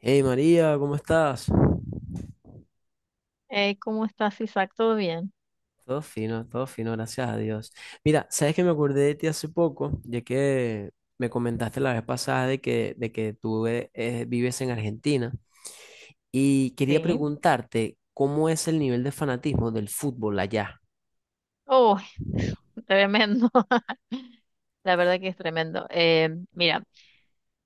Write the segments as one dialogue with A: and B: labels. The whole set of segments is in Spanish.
A: Hey María, ¿cómo estás?
B: ¿Cómo estás, Isaac? ¿Todo bien?
A: Todo fino, gracias a Dios. Mira, sabes que me acordé de ti hace poco, ya que me comentaste la vez pasada de que tú vives en Argentina y quería
B: Sí.
A: preguntarte cómo es el nivel de fanatismo del fútbol allá.
B: Oh, tremendo. La verdad que es tremendo. Mira,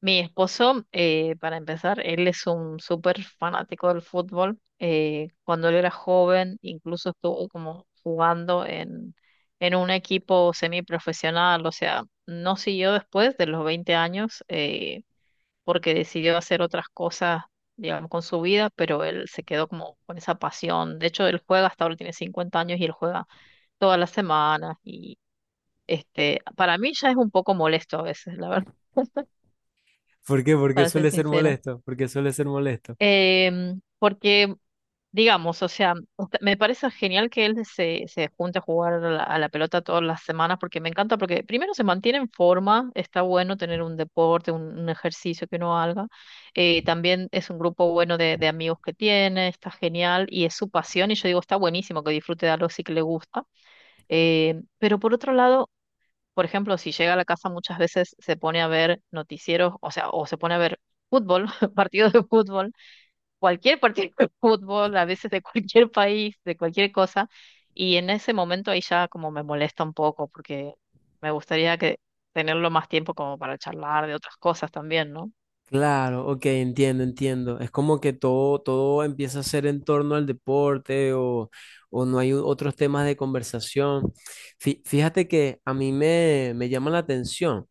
B: mi esposo, para empezar, él es un súper fanático del fútbol. Cuando él era joven, incluso estuvo como jugando en un equipo semiprofesional. O sea, no siguió después de los 20 años. Porque decidió hacer otras cosas, digamos, con su vida, pero él se quedó como con esa pasión. De hecho, él juega, hasta ahora tiene 50 años y él juega todas las semanas y este, para mí ya es un poco molesto a veces, la verdad,
A: ¿Por qué? Porque
B: para ser
A: suele ser
B: sincera.
A: molesto, porque suele ser molesto.
B: Porque, digamos, o sea, me parece genial que él se junte a jugar a a la pelota todas las semanas, porque me encanta, porque primero se mantiene en forma, está bueno tener un deporte, un ejercicio que uno haga, también es un grupo bueno de amigos que tiene, está genial y es su pasión, y yo digo, está buenísimo que disfrute de algo sí que le gusta, pero por otro lado, por ejemplo, si llega a la casa muchas veces se pone a ver noticieros, o sea, o se pone a ver fútbol, partidos de fútbol cualquier partido de fútbol, a veces de cualquier país, de cualquier cosa, y en ese momento ahí ya como me molesta un poco, porque me gustaría que tenerlo más tiempo como para charlar de otras cosas también, ¿no?
A: Claro, ok, entiendo, entiendo. Es como que todo, todo empieza a ser en torno al deporte o no hay u- otros temas de conversación. Fíjate que a mí me llama la atención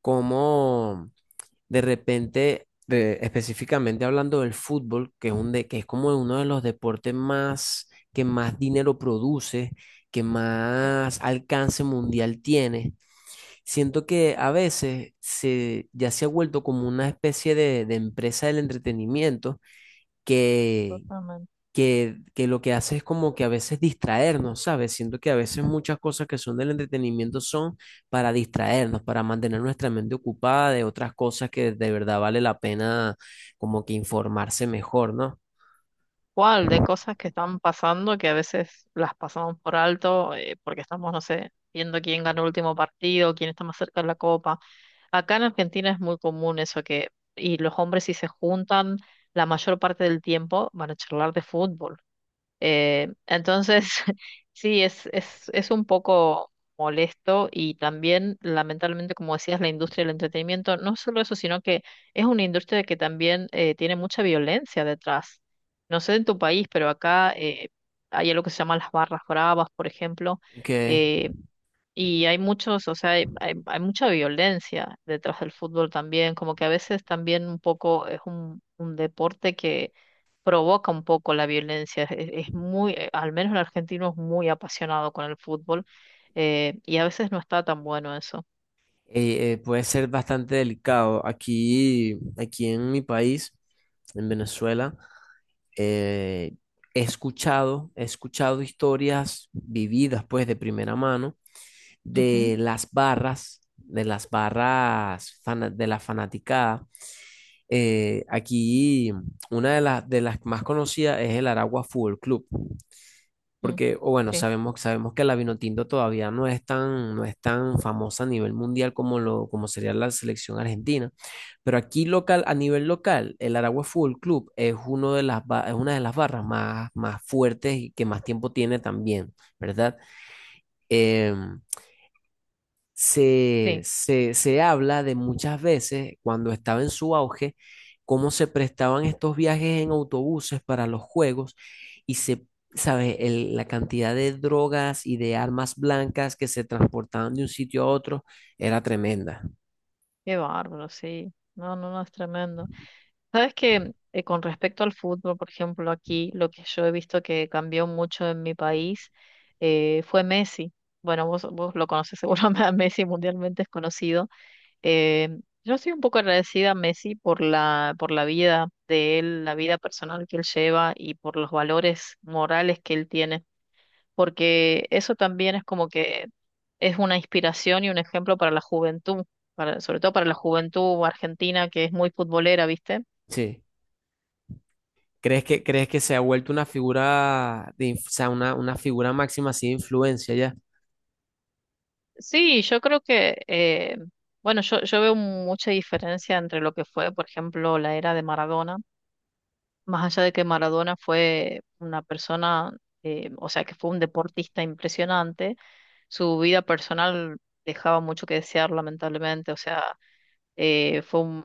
A: cómo de repente, específicamente hablando del fútbol, que es que es como uno de los deportes más que más dinero produce, que más alcance mundial tiene. Siento que a veces ya se ha vuelto como una especie de empresa del entretenimiento que,
B: Totalmente.
A: que lo que hace es como que a veces distraernos, ¿sabes? Siento que a veces muchas cosas que son del entretenimiento son para distraernos, para mantener nuestra mente ocupada de otras cosas que de verdad vale la pena como que informarse mejor, ¿no?
B: ¿Cuál de cosas que están pasando que a veces las pasamos por alto porque estamos, no sé, viendo quién ganó el último partido, quién está más cerca de la copa? Acá en Argentina es muy común eso y los hombres si se juntan la mayor parte del tiempo van a charlar de fútbol. Entonces, sí, es un poco molesto y también, lamentablemente, como decías, la industria del entretenimiento, no solo eso, sino que es una industria que también tiene mucha violencia detrás. No sé en tu país, pero acá hay algo que se llama las barras bravas, por ejemplo,
A: Que
B: eh, y hay muchos, o sea, hay mucha violencia detrás del fútbol también, como que a veces también un poco es un deporte que provoca un poco la violencia. Es muy, al menos el argentino es muy apasionado con el fútbol, y a veces no está tan bueno eso.
A: puede ser bastante delicado. Aquí, aquí en mi país, en Venezuela, eh, he escuchado historias vividas, pues, de primera mano,
B: Ujú,
A: de las barras, de la fanaticada. Aquí una de las más conocidas es el Aragua Fútbol Club.
B: mm,
A: Porque, o bueno,
B: sí,
A: sabemos, sabemos que la Vinotinto todavía no es tan, no es tan famosa a nivel mundial como sería la selección argentina. Pero aquí local, a nivel local, el Aragua Fútbol Club es uno de es una de las barras más, más fuertes y que más tiempo tiene también, ¿verdad? Em,
B: sí,
A: se habla de muchas veces, cuando estaba en su auge, cómo se prestaban estos viajes en autobuses para los juegos y se, ¿sabes? La cantidad de drogas y de armas blancas que se transportaban de un sitio a otro era tremenda.
B: qué bárbaro, sí. No, no, no, es tremendo. Sabes que con respecto al fútbol, por ejemplo, aquí lo que yo he visto que cambió mucho en mi país fue Messi. Bueno, vos lo conoces seguramente a Messi mundialmente es conocido. Eh, yo soy un poco agradecida a Messi por por la vida de él, la vida personal que él lleva y por los valores morales que él tiene, porque eso también es como que es una inspiración y un ejemplo para la juventud, para, sobre todo para la juventud argentina que es muy futbolera, ¿viste?
A: Sí. Crees que se ha vuelto una figura, o sea, una figura máxima así de influencia ya?
B: Sí, yo creo que, bueno, yo veo mucha diferencia entre lo que fue, por ejemplo, la era de Maradona, más allá de que Maradona fue una persona, o sea, que fue un deportista impresionante, su vida personal dejaba mucho que desear, lamentablemente, o sea, eh, fue un,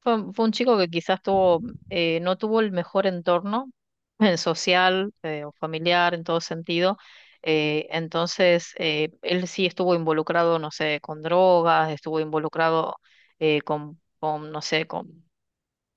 B: fue un chico que quizás tuvo, no tuvo el mejor entorno social o familiar en todo sentido. Entonces, él sí estuvo involucrado, no sé, con drogas, estuvo involucrado no sé, con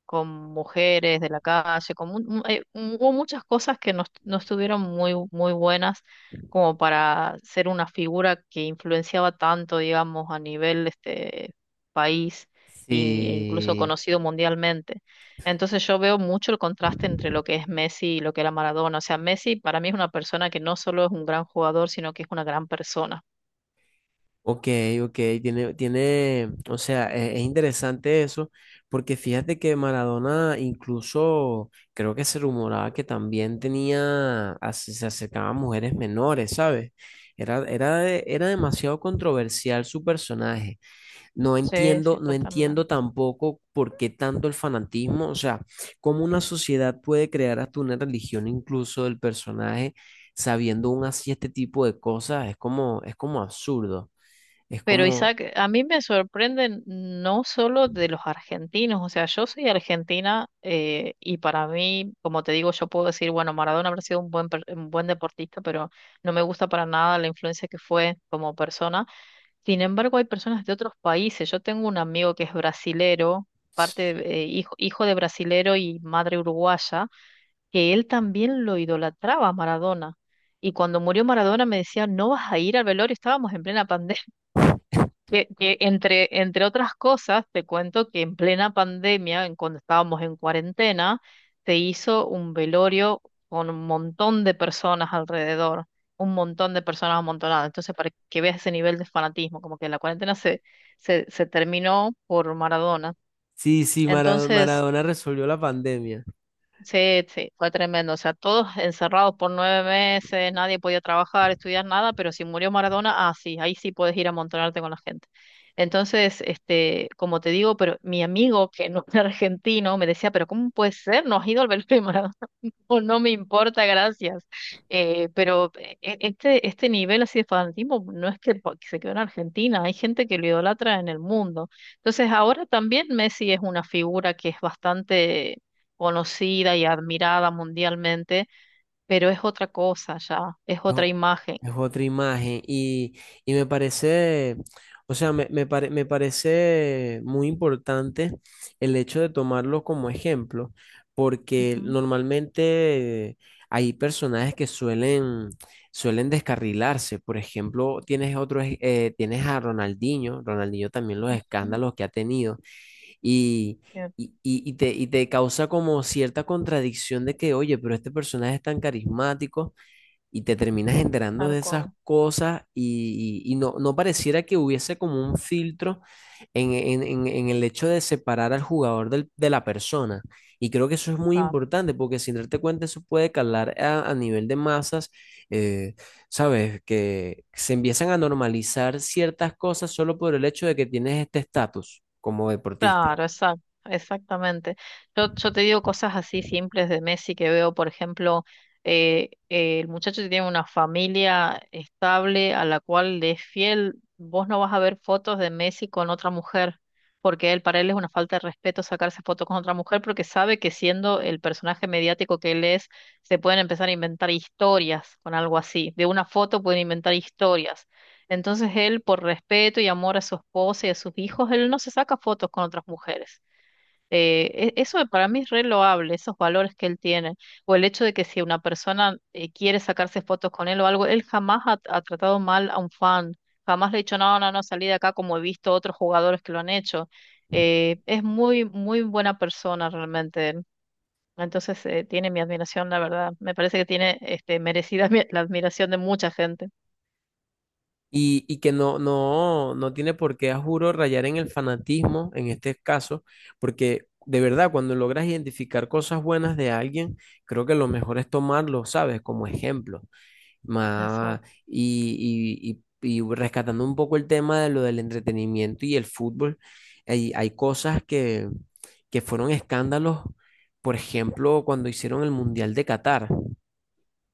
B: con mujeres de la calle. Hubo muchas cosas que no estuvieron muy, muy buenas como para ser una figura que influenciaba tanto, digamos, a nivel este país e incluso
A: Sí.
B: conocido mundialmente. Entonces yo veo mucho el contraste entre lo que es Messi y lo que era Maradona. O sea, Messi para mí es una persona que no solo es un gran jugador, sino que es una gran persona.
A: Ok, ok, tiene, tiene, o sea, es interesante eso, porque fíjate que Maradona incluso creo que se rumoraba que también se acercaba a mujeres menores, ¿sabes? Era, era, era demasiado controversial su personaje. No
B: Sí,
A: entiendo,
B: sí,
A: no entiendo
B: totalmente.
A: tampoco por qué tanto el fanatismo, o sea, cómo una sociedad puede crear hasta una religión incluso del personaje sabiendo aún así este tipo de cosas, es como absurdo. Es
B: Pero
A: como,
B: Isaac, a mí me sorprenden no solo de los argentinos, o sea, yo soy argentina y para mí, como te digo, yo puedo decir, bueno, Maradona habrá sido un un buen deportista, pero no me gusta para nada la influencia que fue como persona. Sin embargo, hay personas de otros países. Yo tengo un amigo que es brasilero, parte, hijo de brasilero y madre uruguaya, que él también lo idolatraba a Maradona. Y cuando murió Maradona me decía, no vas a ir al velorio, estábamos en plena pandemia. Que entre otras cosas, te cuento que en plena pandemia, en cuando estábamos en cuarentena, se hizo un velorio con un montón de personas alrededor, un montón de personas amontonadas. Entonces, para que veas ese nivel de fanatismo, como que la cuarentena se terminó por Maradona.
A: sí, sí,
B: Entonces,
A: Maradona resolvió la pandemia.
B: sí, sí, fue tremendo. O sea, todos encerrados por 9 meses, nadie podía trabajar, estudiar nada, pero si murió Maradona, ah, sí, ahí sí puedes ir a amontonarte con la gente. Entonces, este, como te digo, pero mi amigo que no era argentino me decía, pero ¿cómo puede ser? No has ido al velorio de Maradona o no me importa, gracias. Pero este nivel así de fanatismo no es que se quedó en Argentina, hay gente que lo idolatra en el mundo. Entonces ahora también Messi es una figura que es bastante conocida y admirada mundialmente, pero es otra cosa ya, es
A: Es,
B: otra
A: o-
B: imagen.
A: es otra imagen y me parece, o sea, me parece muy importante el hecho de tomarlo como ejemplo, porque
B: Ujú,
A: normalmente hay personajes que suelen, suelen descarrilarse. Por ejemplo, tienes otros, tienes a Ronaldinho, Ronaldinho también los
B: ujú,
A: escándalos que ha tenido. Y,
B: sí,
A: y te causa como cierta contradicción de que, oye, pero este personaje es tan carismático y te terminas enterando
B: tal
A: de esas
B: cual.
A: cosas y no, no pareciera que hubiese como un filtro en el hecho de separar al jugador de la persona. Y creo que eso es muy importante porque sin darte cuenta eso puede calar a nivel de masas, eh, ¿sabes? Que se empiezan a normalizar ciertas cosas solo por el hecho de que tienes este estatus como deportista.
B: Claro, exacto, exactamente. Yo te digo cosas así simples de Messi que veo, por ejemplo, el muchacho tiene una familia estable a la cual le es fiel. Vos no vas a ver fotos de Messi con otra mujer, porque él, para él es una falta de respeto sacarse fotos con otra mujer, porque sabe que siendo el personaje mediático que él es, se pueden empezar a inventar historias con algo así. De una foto pueden inventar historias. Entonces él, por respeto y amor a su esposa y a sus hijos, él no se saca fotos con otras mujeres. Eso para mí es re loable, esos valores que él tiene. O el hecho de que si una persona quiere sacarse fotos con él o algo, él jamás ha tratado mal a un fan. Jamás le ha dicho, no, no, no, salí de acá como he visto otros jugadores que lo han hecho. Es muy, muy buena persona realmente él. Entonces tiene mi admiración, la verdad. Me parece que tiene este, merecida la admiración de mucha gente.
A: Y que no, no, no tiene por qué, a juro, rayar en el fanatismo en este caso, porque de verdad, cuando logras identificar cosas buenas de alguien, creo que lo mejor es tomarlo, ¿sabes? Como ejemplo. Ma-
B: Exacto.
A: y, y, y rescatando un poco el tema de lo del entretenimiento y el fútbol, hay cosas que fueron escándalos, por ejemplo, cuando hicieron el Mundial de Qatar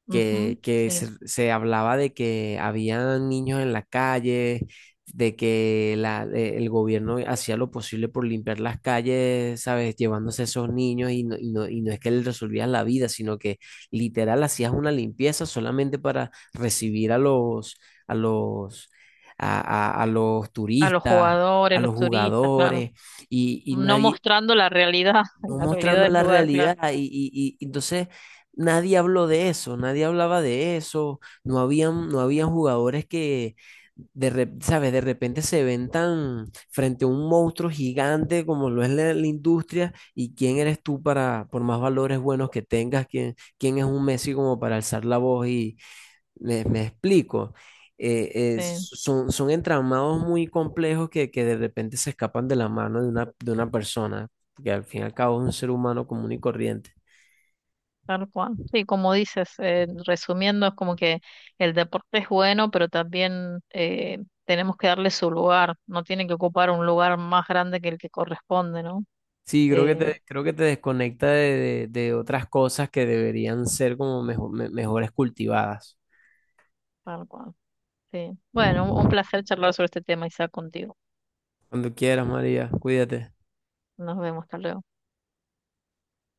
B: Ujú,
A: que
B: sí.
A: se hablaba de que había niños en la calle, de que el gobierno hacía lo posible por limpiar las calles, ¿sabes? Llevándose esos niños y no, y no, y no es que les resolvías la vida, sino que literal hacías una limpieza solamente para recibir a los, a los, a los
B: A los
A: turistas, a
B: jugadores, los
A: los
B: turistas, claro.
A: jugadores. Y
B: No
A: nadie,
B: mostrando la realidad,
A: no
B: la realidad
A: mostrando
B: del
A: la
B: lugar, claro.
A: realidad. Entonces nadie habló de eso, nadie hablaba de eso, no habían, no habían jugadores que, ¿sabes? De repente se ven tan frente a un monstruo gigante como lo es la industria y quién eres tú para, por más valores buenos que tengas, quién, quién es un Messi como para alzar la voz, me explico. Eh,
B: Sí,
A: son, son entramados muy complejos que de repente se escapan de la mano de una persona, que al fin y al cabo es un ser humano común y corriente.
B: tal cual. Sí, como dices, resumiendo, es como que el deporte es bueno, pero también tenemos que darle su lugar. No tiene que ocupar un lugar más grande que el que corresponde, ¿no?
A: Sí,
B: Eh,
A: creo que te desconecta de, de otras cosas que deberían ser como mejores cultivadas.
B: tal cual. Sí. Bueno, un placer charlar sobre este tema, Isaac, contigo.
A: Cuando quieras, María, cuídate.
B: Nos vemos, hasta luego.